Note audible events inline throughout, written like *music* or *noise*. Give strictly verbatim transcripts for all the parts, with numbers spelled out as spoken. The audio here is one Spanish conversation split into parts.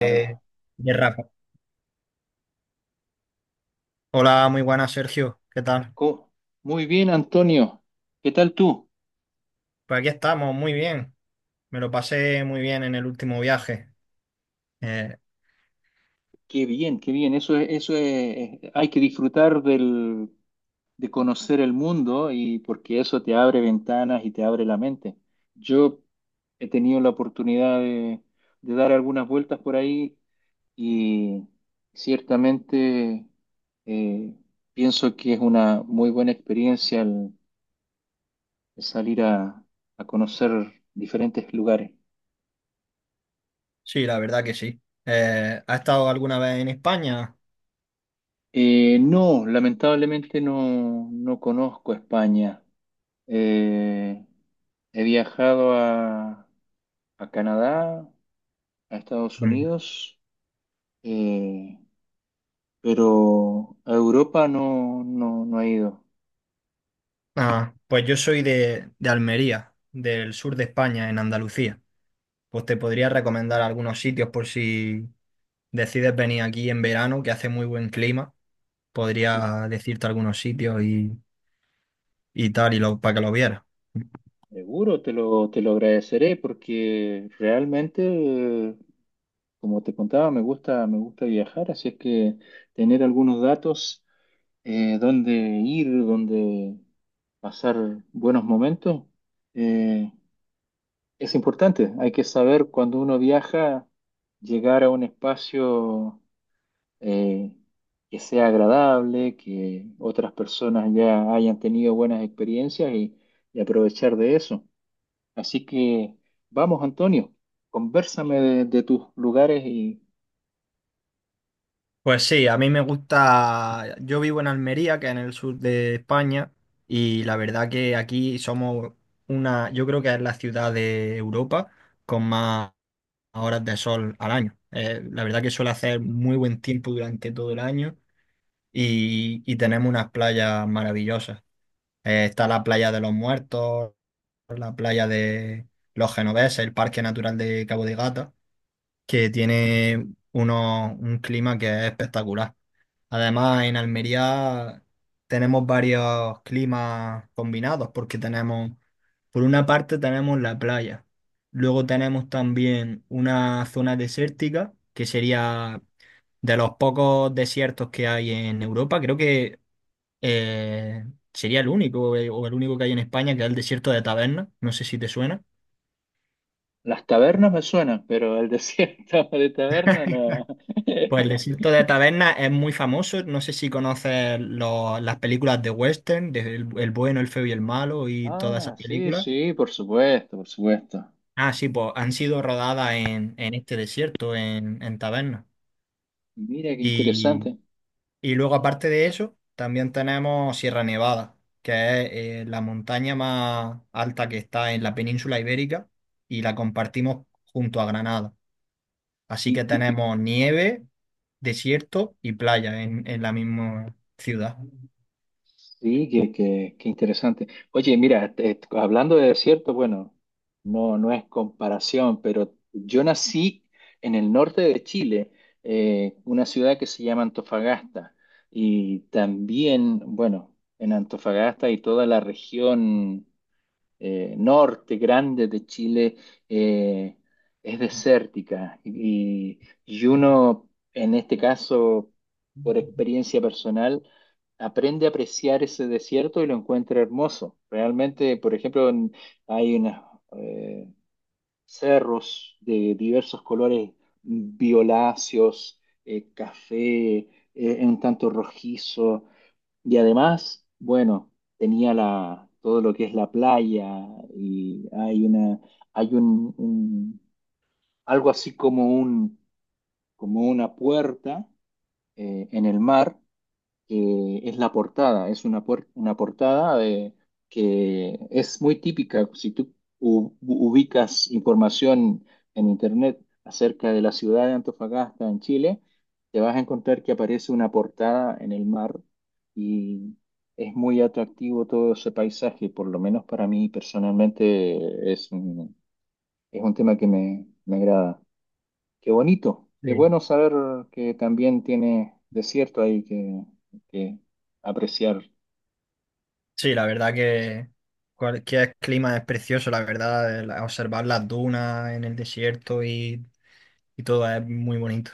Claro. de Rafa. Hola, muy buenas, Sergio. ¿Qué tal? Co- Muy bien, Antonio. ¿Qué tal tú? Pues aquí estamos, muy bien. Me lo pasé muy bien en el último viaje. Eh, Qué bien, qué bien. Eso es, eso es, hay que disfrutar del, de conocer el mundo, y porque eso te abre ventanas y te abre la mente. Yo he tenido la oportunidad de, de dar algunas vueltas por ahí y ciertamente eh, pienso que es una muy buena experiencia el, el salir a, a conocer diferentes lugares. sí, la verdad que sí. Eh, ¿has estado alguna vez en España? Eh, no, lamentablemente no, no conozco España. Eh, He viajado a, a Canadá, a Estados Mm. Unidos, eh, pero a Europa no, no, no he ido. Ah, pues yo soy de, de Almería, del sur de España, en Andalucía. Pues te podría recomendar algunos sitios por si decides venir aquí en verano, que hace muy buen clima. Y Podría decirte algunos sitios y, y tal, y lo, para que lo vieras. seguro te lo, te lo agradeceré porque realmente, eh, como te contaba, me gusta, me gusta viajar, así es que tener algunos datos. Eh, dónde ir, dónde pasar buenos momentos, eh, es importante. Hay que saber cuando uno viaja, llegar a un espacio eh, que sea agradable, que otras personas ya hayan tenido buenas experiencias y, y aprovechar de eso. Así que vamos, Antonio, convérsame de, de tus lugares y Pues sí, a mí me gusta, yo vivo en Almería, que es en el sur de España, y la verdad que aquí somos una, yo creo que es la ciudad de Europa con más horas de sol al año. Eh, la verdad que suele hacer muy buen tiempo durante todo el año y, y tenemos unas playas maravillosas. Eh, está la playa de los Muertos, la playa de los Genoveses, el Parque Natural de Cabo de Gata, que tiene uno, un clima que es espectacular. Además, en Almería tenemos varios climas combinados porque tenemos, por una parte tenemos la playa, luego tenemos también una zona desértica que sería de los pocos desiertos que hay en Europa, creo que eh, sería el único eh, o el único que hay en España, que es el desierto de Taberna, no sé si te suena. las tabernas me suenan, pero el desierto *laughs* de taberna no. Pues *laughs* el desierto de Taberna es muy famoso, no sé si conoces los- las películas de western, de el el bueno, el feo y el malo y todas esas Ah, sí, películas. sí, por supuesto, por supuesto. Ah, sí, pues han sido rodadas en, en este desierto, en, en tabernas. Mira, qué Y, interesante. y luego, aparte de eso, también tenemos Sierra Nevada, que es eh, la montaña más alta que está en la península ibérica y la compartimos junto a Granada. Así Y, que y- y- tenemos nieve, desierto y playa en, en la misma ciudad. sí, qué, qué- qué interesante. Oye, mira, te- hablando de desierto, bueno, no, no es comparación, pero yo nací en el norte de Chile, eh, una ciudad que se llama Antofagasta. Y también, bueno, en Antofagasta y toda la región. Eh, norte grande de Chile eh, es desértica y, y uno, en este caso, por experiencia personal, aprende a apreciar ese desierto y lo encuentra hermoso. Realmente, por ejemplo, en- hay unos eh, cerros de diversos colores violáceos, eh, café, eh, un tanto rojizo. Y además, bueno, tenía la, todo lo que es la playa y hay una, hay un, un- algo así como un, como una puerta eh, en el mar que es la portada. Es una, puer- una portada de, que es muy típica. Si tú u- ubicas información en internet acerca de la ciudad de Antofagasta en Chile, te vas a encontrar que aparece una portada en el mar y es muy atractivo todo ese paisaje. Por lo menos para mí personalmente es un, es un tema que me, me agrada. Qué bonito, qué Sí, bueno saber que también tiene desierto ahí que, que apreciar. sí, la verdad que cualquier clima es precioso, la verdad, el- observar las dunas en el desierto y y todo es muy bonito.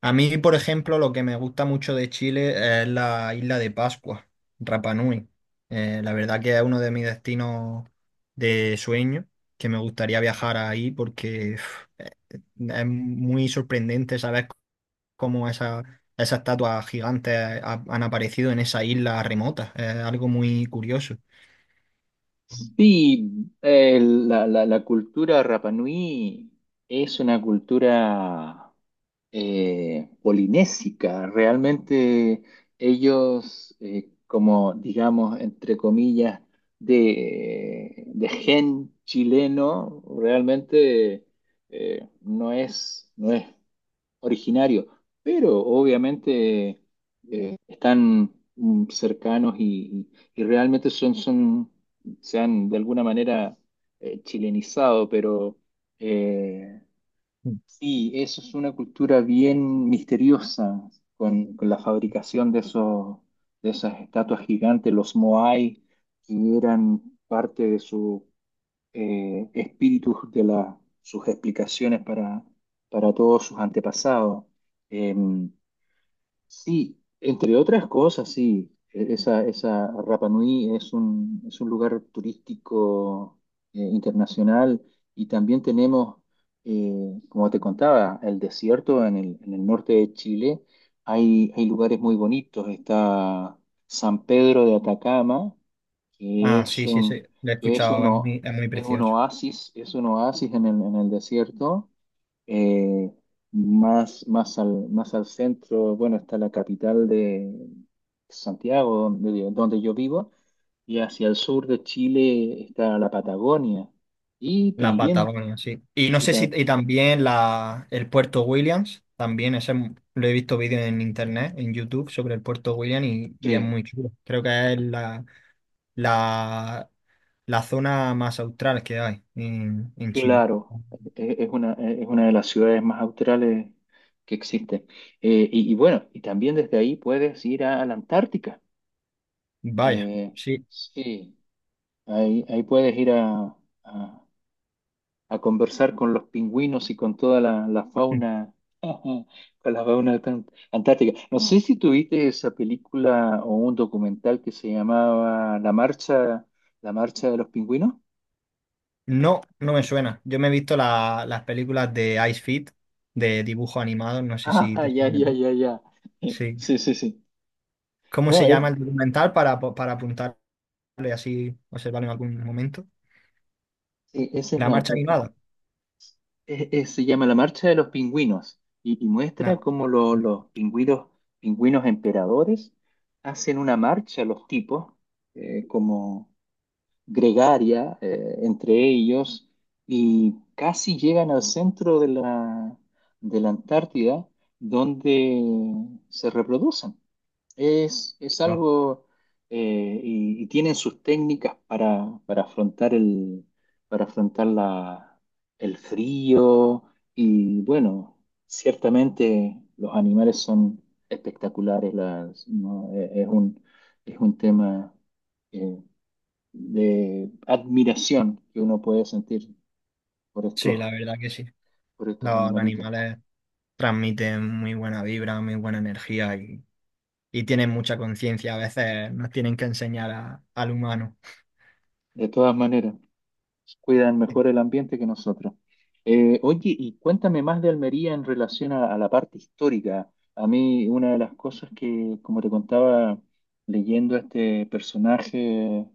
A mí, por ejemplo, lo que me gusta mucho de Chile es la isla de Pascua, Rapa Nui. Eh, la verdad que es uno de mis destinos de sueño, que me gustaría viajar ahí porque uf, eh, es muy sorprendente saber cómo esa, esas estatuas gigantes ha- han aparecido en esa isla remota. Es algo muy curioso. Sí, eh, la, la- la cultura Rapa Nui es una cultura eh, polinésica. Realmente ellos, eh, como digamos, entre comillas, de, de gen chileno, realmente eh, no es, no es originario, pero obviamente eh, están mm, cercanos y, y- y realmente son, son, se han de alguna manera eh, chilenizado, pero eh, sí, eso es una cultura bien misteriosa con, con la fabricación de esos, de esas estatuas gigantes, los Moai, que eran parte de su eh, espíritus de la- sus explicaciones para, para todos sus antepasados. Eh, sí, entre otras cosas, sí, e- esa, esa Rapa Nui es un, es un lugar turístico eh, internacional, y también tenemos, eh, como te contaba, el desierto en el, en el norte de Chile. Hay, hay lugares muy bonitos, está San Pedro de Atacama que Ah, es sí, sí, sí, un, lo he que es escuchado, es uno, muy, es muy es un precioso. oasis, es un oasis en el, en el desierto, eh, más, más al, más al centro, bueno, está la capital de Santiago, donde, donde yo vivo, y hacia el sur de Chile está la Patagonia, y La también, Patagonia, sí. Y no y sé si, ta- y también la, el Puerto Williams, también ese m- lo he visto vídeos en internet, en YouTube, sobre el Puerto Williams y, y es sí, muy chulo. Creo que es la, la, la zona más austral que hay en, en Chile. claro, e- es una, es una de las ciudades más australes que existe. Eh, y, y bueno, y también desde ahí puedes ir a a la Antártica. Vaya, Eh, sí. sí, ahí, ahí puedes ir a, a- a conversar con los pingüinos y con toda la, la fauna, *laughs* con la fauna tan- antártica. No sé si tuviste esa película o un documental que se llamaba La Marcha, La Marcha de los Pingüinos. No, no me suena. Yo me he visto la- las películas de Ice Fit, de dibujo animado, no sé si Ah, te ya, suena a ya, ti. ya, ya. Sí. Sí, sí, sí. ¿Cómo No, se es, llama el documental para, para apuntarle así, observarlo en algún momento? sí, esa es La la. marcha E, animada. Eh, eh, se llama La Marcha de los Pingüinos, y, y muestra No, cómo lo- no, los pingüinos, pingüinos emperadores hacen una marcha, los tipos, eh, como gregaria, eh, entre ellos, y casi llegan al centro de la, de la Antártida, donde se reproducen. Es, es no. algo, eh, y, y tienen sus técnicas para, para afrontar el, para afrontar la, el frío. Y bueno, ciertamente los animales son espectaculares. Las- no, Eh, es un, es un tema eh, de admiración que uno puede sentir por estos, Sí, la verdad que sí. por estos Los, los animalitos. animales transmiten muy buena vibra, muy buena energía y, y tienen mucha conciencia. A veces nos tienen que enseñar a- al humano. De todas maneras cuidan mejor el ambiente que nosotros. Eh, oye, y cuéntame más de Almería en relación a, a la parte histórica. A mí, una de las cosas que, como te contaba, leyendo a este personaje,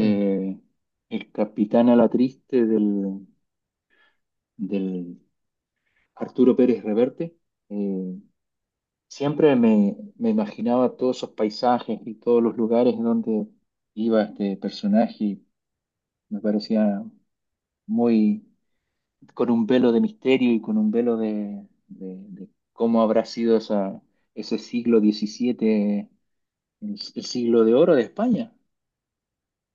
Mm, el capitán a la triste del, del Arturo Pérez Reverte, eh, siempre me, me imaginaba todos esos paisajes y todos los lugares donde iba este personaje, y me parecía muy con un velo de misterio y con un velo de, de- de cómo habrá sido esa, ese siglo diecisiete, el, el siglo de oro de España.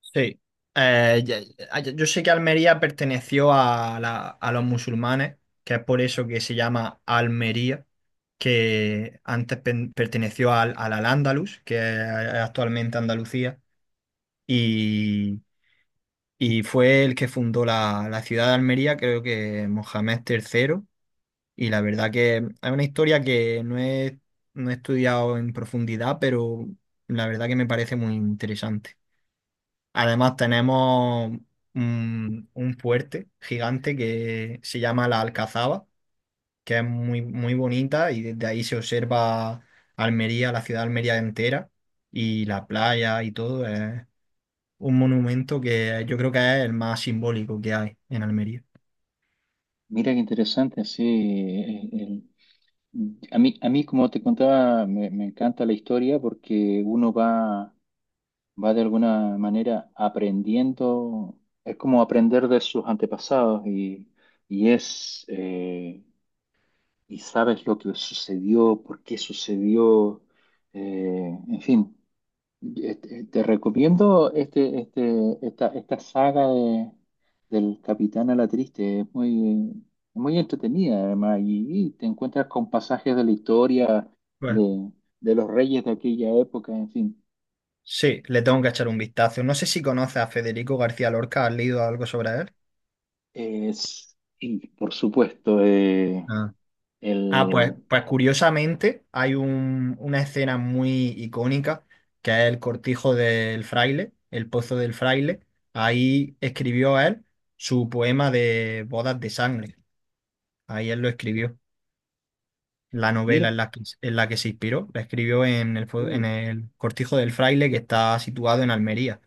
sí. Eh, ya- ya- yo, sé que Almería perteneció a, la- a los musulmanes, que es por eso que se llama Almería, que antes pen- perteneció al, al Al-Ándalus, que es actualmente Andalucía, y Y fue el que fundó la, la ciudad de Almería, creo que Mohamed tercero. Y la verdad que es una historia que no he, no he estudiado en profundidad, pero la verdad que me parece muy interesante. Además, tenemos un, un fuerte gigante que se llama la Alcazaba, que es muy, muy bonita y desde ahí se observa Almería, la ciudad de Almería entera y la playa y todo. Es un monumento que yo creo que es el más simbólico que hay en Almería. Mira qué interesante, sí. Eh, el- a mí, a mí, como te contaba, me, me encanta la historia, porque uno va, va de alguna manera aprendiendo, es como aprender de sus antepasados y, y es, eh, y sabes lo que sucedió, por qué sucedió. Eh, en fin, Este, te recomiendo este, este, esta, esta saga de- del Capitán a la Triste. Es muy, muy entretenida, además, y, y te encuentras con pasajes de la historia Pues de, de los reyes de aquella época, en fin. sí, le tengo que echar un vistazo. No sé si conoces a Federico García Lorca, ¿has leído algo sobre él? Es, y por supuesto, eh, Ah, ah, pues, el. pues curiosamente hay un- una escena muy icónica que es el cortijo del fraile, el pozo del fraile. Ahí escribió él su poema de bodas de sangre. Ahí él lo escribió, la novela Mira, en la que, en la que se inspiró. La escribió en el, fue- en sí. el Cortijo del Fraile, que está situado en Almería.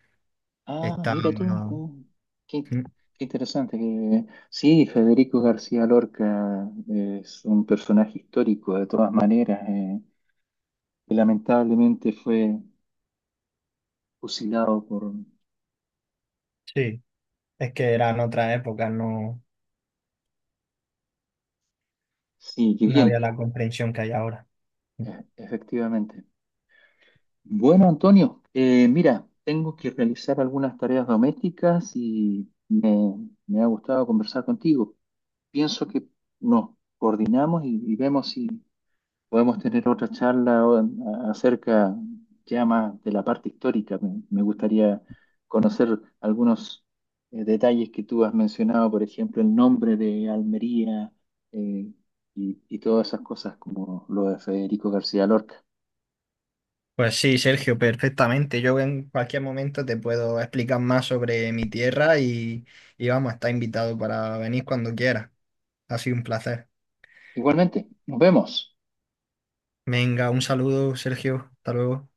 Ah, Está... mira tú. mm, Qué, qué interesante. Que- sí, Federico García Lorca es un personaje histórico, de todas maneras. Eh, y lamentablemente fue fusilado por... Sí, es que eran otras épocas, no, Sí, qué no bien, había la comprensión que hay ahora. e- efectivamente. Bueno, Antonio, eh, mira, tengo que realizar algunas tareas domésticas y me, me ha gustado conversar contigo. Pienso que nos coordinamos y, y vemos si podemos tener otra charla o- acerca ya más de la parte histórica. Me, me gustaría conocer algunos eh, detalles que tú has mencionado, por ejemplo, el nombre de Almería, eh, y, y todas esas cosas, como lo de Federico García Lorca. Pues sí, Sergio, perfectamente. Yo en cualquier momento te puedo explicar más sobre mi tierra y, y vamos, está invitado para venir cuando quieras. Ha sido un placer. Igualmente, nos vemos. Venga, un saludo, Sergio. Hasta luego.